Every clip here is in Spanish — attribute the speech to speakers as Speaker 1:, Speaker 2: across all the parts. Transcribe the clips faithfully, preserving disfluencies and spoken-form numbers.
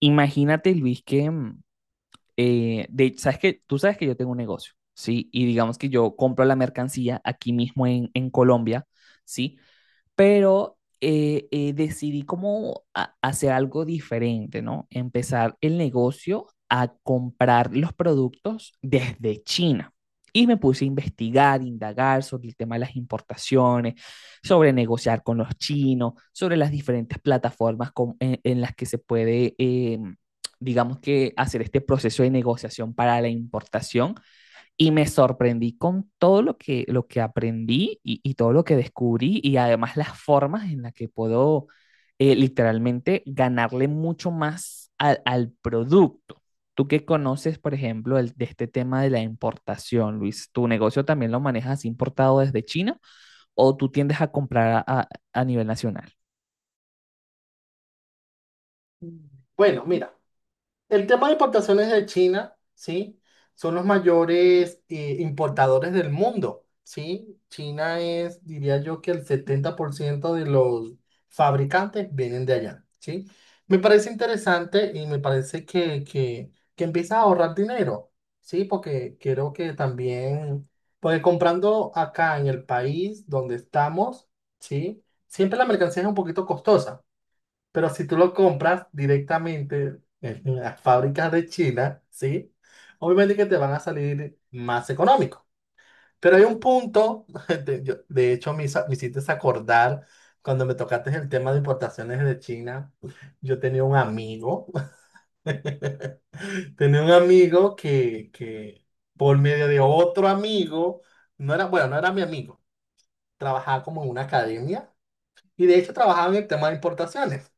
Speaker 1: Imagínate, Luis, que mm, eh, de, sabes que tú sabes que yo tengo un negocio, ¿sí? Y digamos que yo compro la mercancía aquí mismo en, en Colombia, ¿sí? Pero eh, eh, decidí como a- hacer algo diferente, ¿no? Empezar el negocio a comprar los productos desde China. Y me puse a investigar, indagar sobre el tema de las importaciones, sobre negociar con los chinos, sobre las diferentes plataformas con- en, en las que se puede, eh, digamos que, hacer este proceso de negociación para la importación, y me sorprendí con todo lo que, lo que aprendí y, y todo lo que descubrí y además las formas en las que puedo eh, literalmente ganarle mucho más al, al producto. Tú que conoces, por ejemplo, el- de este tema de la importación, Luis, ¿tu negocio también lo manejas importado desde China o tú tiendes a comprar a, a- a nivel nacional?
Speaker 2: Bueno, mira, el tema de importaciones de China, ¿sí? Son los mayores eh, importadores del mundo, ¿sí? China es, diría yo, que el setenta por ciento de los fabricantes vienen de allá, ¿sí? Me parece interesante y me parece que, que, que empiezas a ahorrar dinero, ¿sí? Porque creo que también, porque comprando acá en el país donde estamos, ¿sí? Siempre la mercancía es un poquito costosa. Pero si tú lo compras directamente en las fábricas de China, ¿sí? Obviamente que te van a salir más económico. Pero hay un punto, de, yo- de hecho me, hizo- me hiciste acordar cuando me tocaste el tema de importaciones de China. Yo tenía un amigo, tenía un amigo que, que por medio de otro amigo, no era, bueno, no era mi amigo, trabajaba como en una academia y de hecho trabajaba en el tema de importaciones.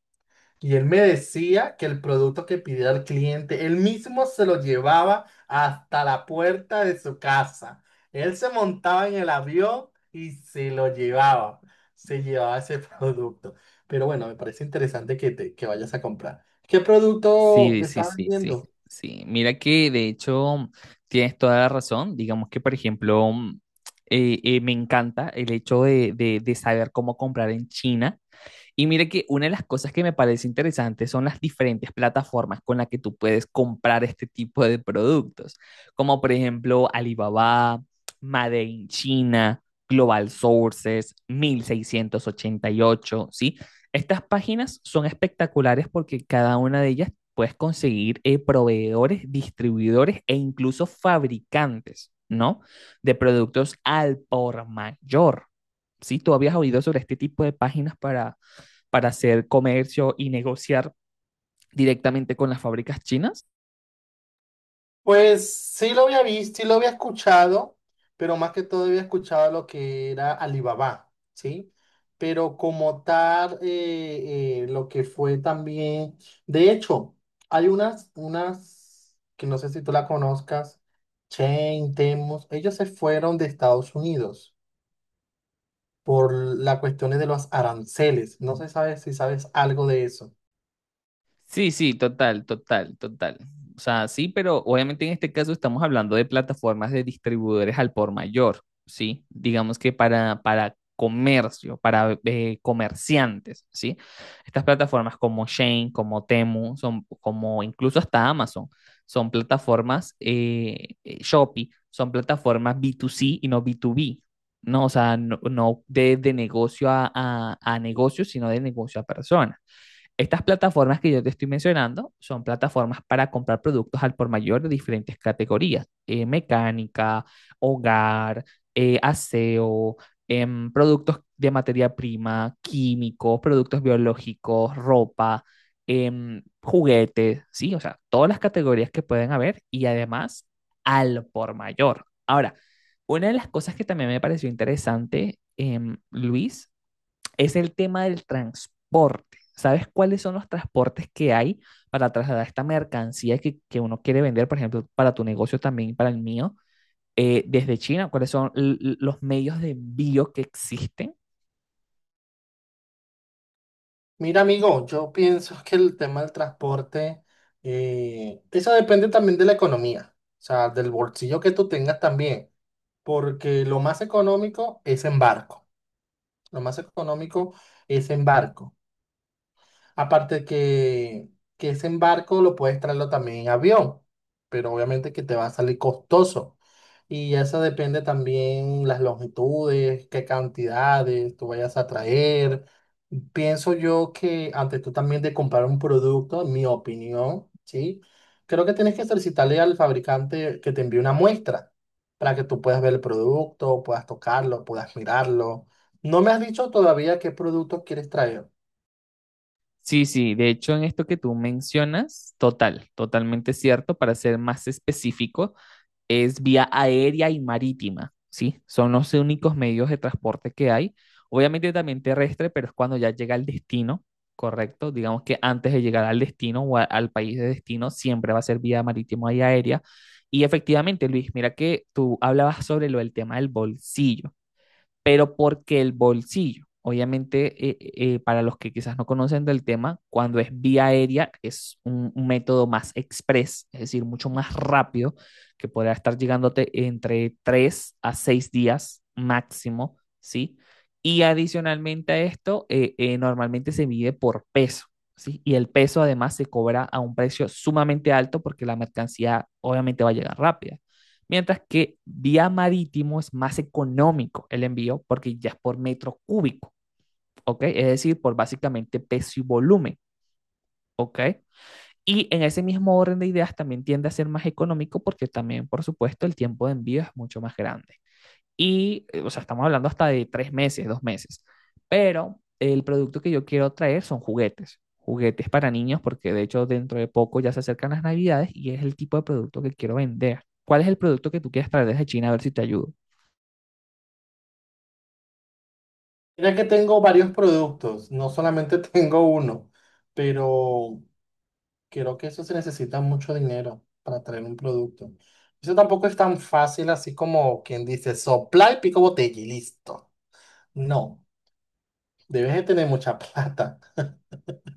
Speaker 2: Y él me decía que el producto que pidiera el cliente, él mismo se lo llevaba hasta la puerta de su casa. Él se montaba en el avión y se lo llevaba. Se llevaba ese producto. Pero bueno, me parece interesante que te, que vayas a comprar. ¿Qué producto
Speaker 1: Sí, sí,
Speaker 2: estás
Speaker 1: sí, sí,
Speaker 2: vendiendo?
Speaker 1: sí. Mira que de hecho tienes toda la razón. Digamos que, por ejemplo, mm, eh, eh, me encanta el hecho de, de- de saber cómo comprar en China. Y mire que una de las cosas que me parece interesante son las diferentes plataformas con las que tú puedes comprar este tipo de productos, como por ejemplo Alibaba, Made in China, Global Sources, mil seiscientos ochenta y ocho, ¿sí? Estas páginas son espectaculares porque cada una de ellas puedes conseguir eh, proveedores, distribuidores e incluso fabricantes, ¿no? De productos al por mayor. ¿Sí? ¿Tú habías oído sobre este tipo de páginas para para hacer comercio y negociar directamente con las fábricas chinas?
Speaker 2: Pues sí lo había visto, sí lo había escuchado, pero más que todo había escuchado lo que era Alibaba, ¿sí? Pero como tal, eh, eh, lo que fue también, de hecho, hay unas, unas, que no sé si tú la conozcas, Chain, Temos, ellos se fueron de Estados Unidos por las cuestiones de los aranceles. No sé sabe si sabes algo de eso.
Speaker 1: Sí, sí, total, total, total. O sea, sí, pero obviamente en este caso estamos hablando de plataformas de distribuidores al por mayor, ¿sí? Digamos que para, para comercio, para eh, comerciantes, ¿sí? Estas plataformas como Shane, como Temu, son como incluso hasta Amazon, son plataformas eh, eh, Shopee, son plataformas B dos C y no B dos B, ¿no? O sea, no, no de, de negocio a, a a negocio, sino de negocio a persona. Estas plataformas que yo te estoy mencionando son plataformas para comprar productos al por mayor de diferentes categorías: eh, mecánica, hogar, eh, aseo, em, productos de materia prima, químicos, productos biológicos, ropa, em, juguetes, sí, o sea, todas las categorías que pueden haber y además al por mayor. Ahora, una de las cosas que también me pareció interesante, em, Luis, es el tema del transporte. ¿Sabes cuáles son los transportes que hay para trasladar esta mercancía que, que uno quiere vender, por ejemplo, para tu negocio también, para el mío, eh, desde China? ¿Cuáles son l- l- los medios de envío que existen?
Speaker 2: Mira, amigo, yo pienso que el tema del transporte, eh, eso depende también de la economía, o sea, del bolsillo que tú tengas también, porque lo más económico es en barco, lo más económico es en barco. Aparte que, que ese embarco lo puedes traerlo también en avión, pero obviamente que te va a salir costoso. Y eso depende también las longitudes, qué cantidades tú vayas a traer. Pienso yo que antes tú también de comprar un producto, en mi opinión, ¿sí? Creo que tienes que solicitarle al fabricante que te envíe una muestra para que tú puedas ver el producto, puedas tocarlo, puedas mirarlo. No me has dicho todavía qué producto quieres traer.
Speaker 1: Sí, sí, de hecho en esto que tú mencionas, total, totalmente cierto. Para ser más específicos, es vía aérea y marítima, ¿sí? Son los únicos medios de transporte que hay. Obviamente también terrestre, pero es cuando ya llega al destino, ¿correcto? Digamos que antes de llegar al destino o a- al país de destino, siempre va a ser vía marítima y aérea. Y efectivamente, Luis, mira que tú hablabas sobre lo del tema del bolsillo, pero porque el bolsillo, obviamente, eh, eh, eh, para los que quizás no conocen del tema, cuando es vía aérea es un, un método más express, es decir, mucho más rápido, que podrá estar llegándote entre tres a seis días máximo, ¿sí? Y adicionalmente a esto, eh, eh, normalmente se mide por peso, ¿sí? Y el peso además se cobra a un precio sumamente alto porque la mercancía obviamente va a llegar rápida. Mientras que vía marítimo es más económico el envío porque ya es por metro cúbico, ¿ok? Es decir, por básicamente peso y volumen, ¿ok? Y en ese mismo orden de ideas también tiende a ser más económico porque también, por supuesto, el tiempo de envío es mucho más grande. Y, eh, o sea, estamos hablando hasta de tres meses, dos meses. Pero el producto que yo quiero traer son juguetes, juguetes para niños, porque de hecho dentro de poco ya se acercan las navidades y es el tipo de producto que quiero vender. ¿Cuál es el producto que tú quieres traer desde China? A ver si te ayudo.
Speaker 2: Mira que tengo varios productos, no solamente tengo uno, pero creo que eso se necesita mucho dinero para traer un producto. Eso tampoco es tan fácil así como quien dice sopla y pico botella y listo. No, debes de tener mucha plata.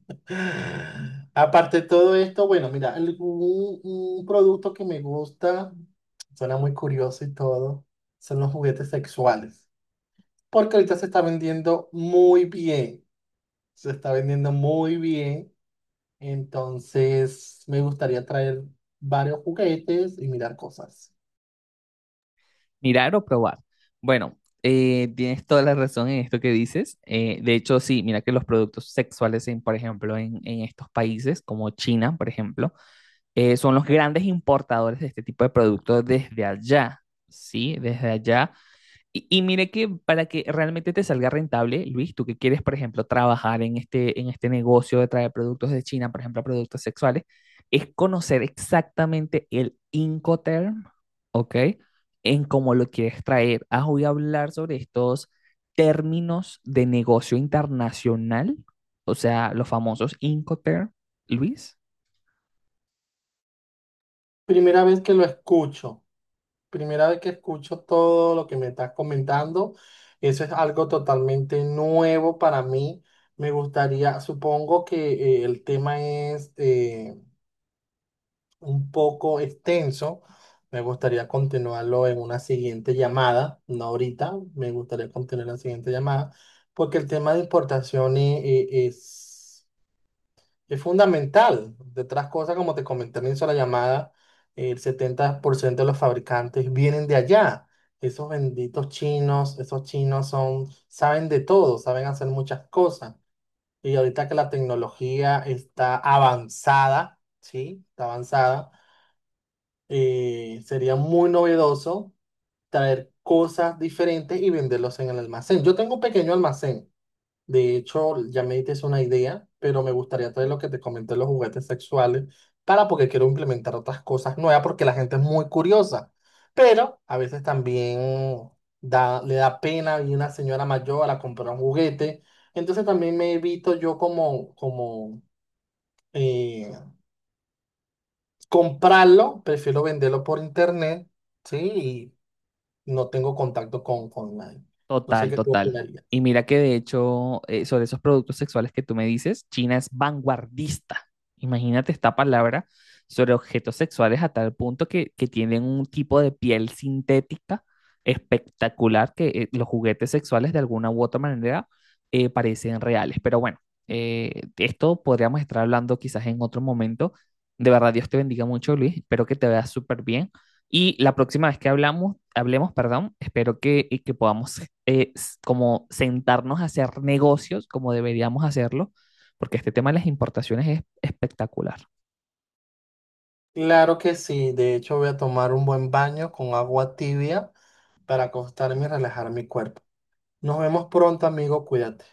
Speaker 2: Aparte de todo esto, bueno, mira, algún- un un producto que me gusta, suena muy curioso y todo, son los juguetes sexuales, porque ahorita se está vendiendo muy bien. Se está vendiendo muy bien, entonces me gustaría traer varios juguetes y mirar cosas.
Speaker 1: Mirar o probar. Bueno, eh, tienes toda la razón en esto que dices. Eh, de hecho, sí, mira que los productos sexuales, en, por ejemplo, en, en estos países como China, por ejemplo, eh, son los grandes importadores de este tipo de productos desde allá, ¿sí? Desde allá, y, y mire que para que realmente te salga rentable, Luis, tú que quieres, por ejemplo, trabajar en este, en este negocio de traer productos de China, por ejemplo, productos sexuales, es conocer exactamente el Incoterm, ¿ok? En cómo lo quieres traer. Ah, voy a hablar sobre estos términos de negocio internacional, o sea, los famosos Incoterm, Luis.
Speaker 2: Primera vez que lo escucho, primera vez que escucho todo lo que me estás comentando, eso es algo totalmente nuevo para mí. Me gustaría, supongo que eh, el tema es eh, un poco extenso. Me gustaría continuarlo en una siguiente llamada, no ahorita, me gustaría continuar la siguiente llamada, porque el tema de importación e- e- es, es fundamental. De otras cosas, como te comenté al inicio de la llamada, el setenta por ciento de los fabricantes vienen de allá. Esos benditos chinos, esos chinos son, saben de todo, saben hacer muchas cosas. Y ahorita que la tecnología está avanzada, ¿sí? Está avanzada, eh, sería muy novedoso traer cosas diferentes y venderlos en el almacén. Yo tengo un pequeño almacén. De hecho, ya me diste una idea, pero me gustaría traer lo que te comenté, los juguetes sexuales, para porque quiero implementar otras cosas nuevas, porque la gente es muy curiosa. Pero a veces también da, le da pena ir una señora mayor a comprar un juguete. Entonces también me evito yo como, como eh, comprarlo, prefiero venderlo por internet, ¿sí? Y no tengo contacto con, con nadie. No sé
Speaker 1: Total,
Speaker 2: qué tú
Speaker 1: total. Y
Speaker 2: opinarías.
Speaker 1: mira que de hecho, eh, sobre esos productos sexuales que tú me dices, China es vanguardista. Imagínate esta palabra sobre objetos sexuales a tal punto que, que tienen un tipo de piel sintética espectacular que eh, los juguetes sexuales de alguna u otra manera eh, parecen reales. Pero bueno, eh, de esto podríamos estar hablando quizás en otro momento. De verdad, Dios te bendiga mucho, Luis. Espero que te veas súper bien. Y la próxima vez que hablamos, hablemos, perdón, espero que, y que podamos eh, como sentarnos a hacer negocios como deberíamos hacerlo, porque este tema de las importaciones es espectacular.
Speaker 2: Claro que sí, de hecho voy a tomar un buen baño con agua tibia para acostarme y relajar mi cuerpo. Nos vemos pronto, amigo, cuídate.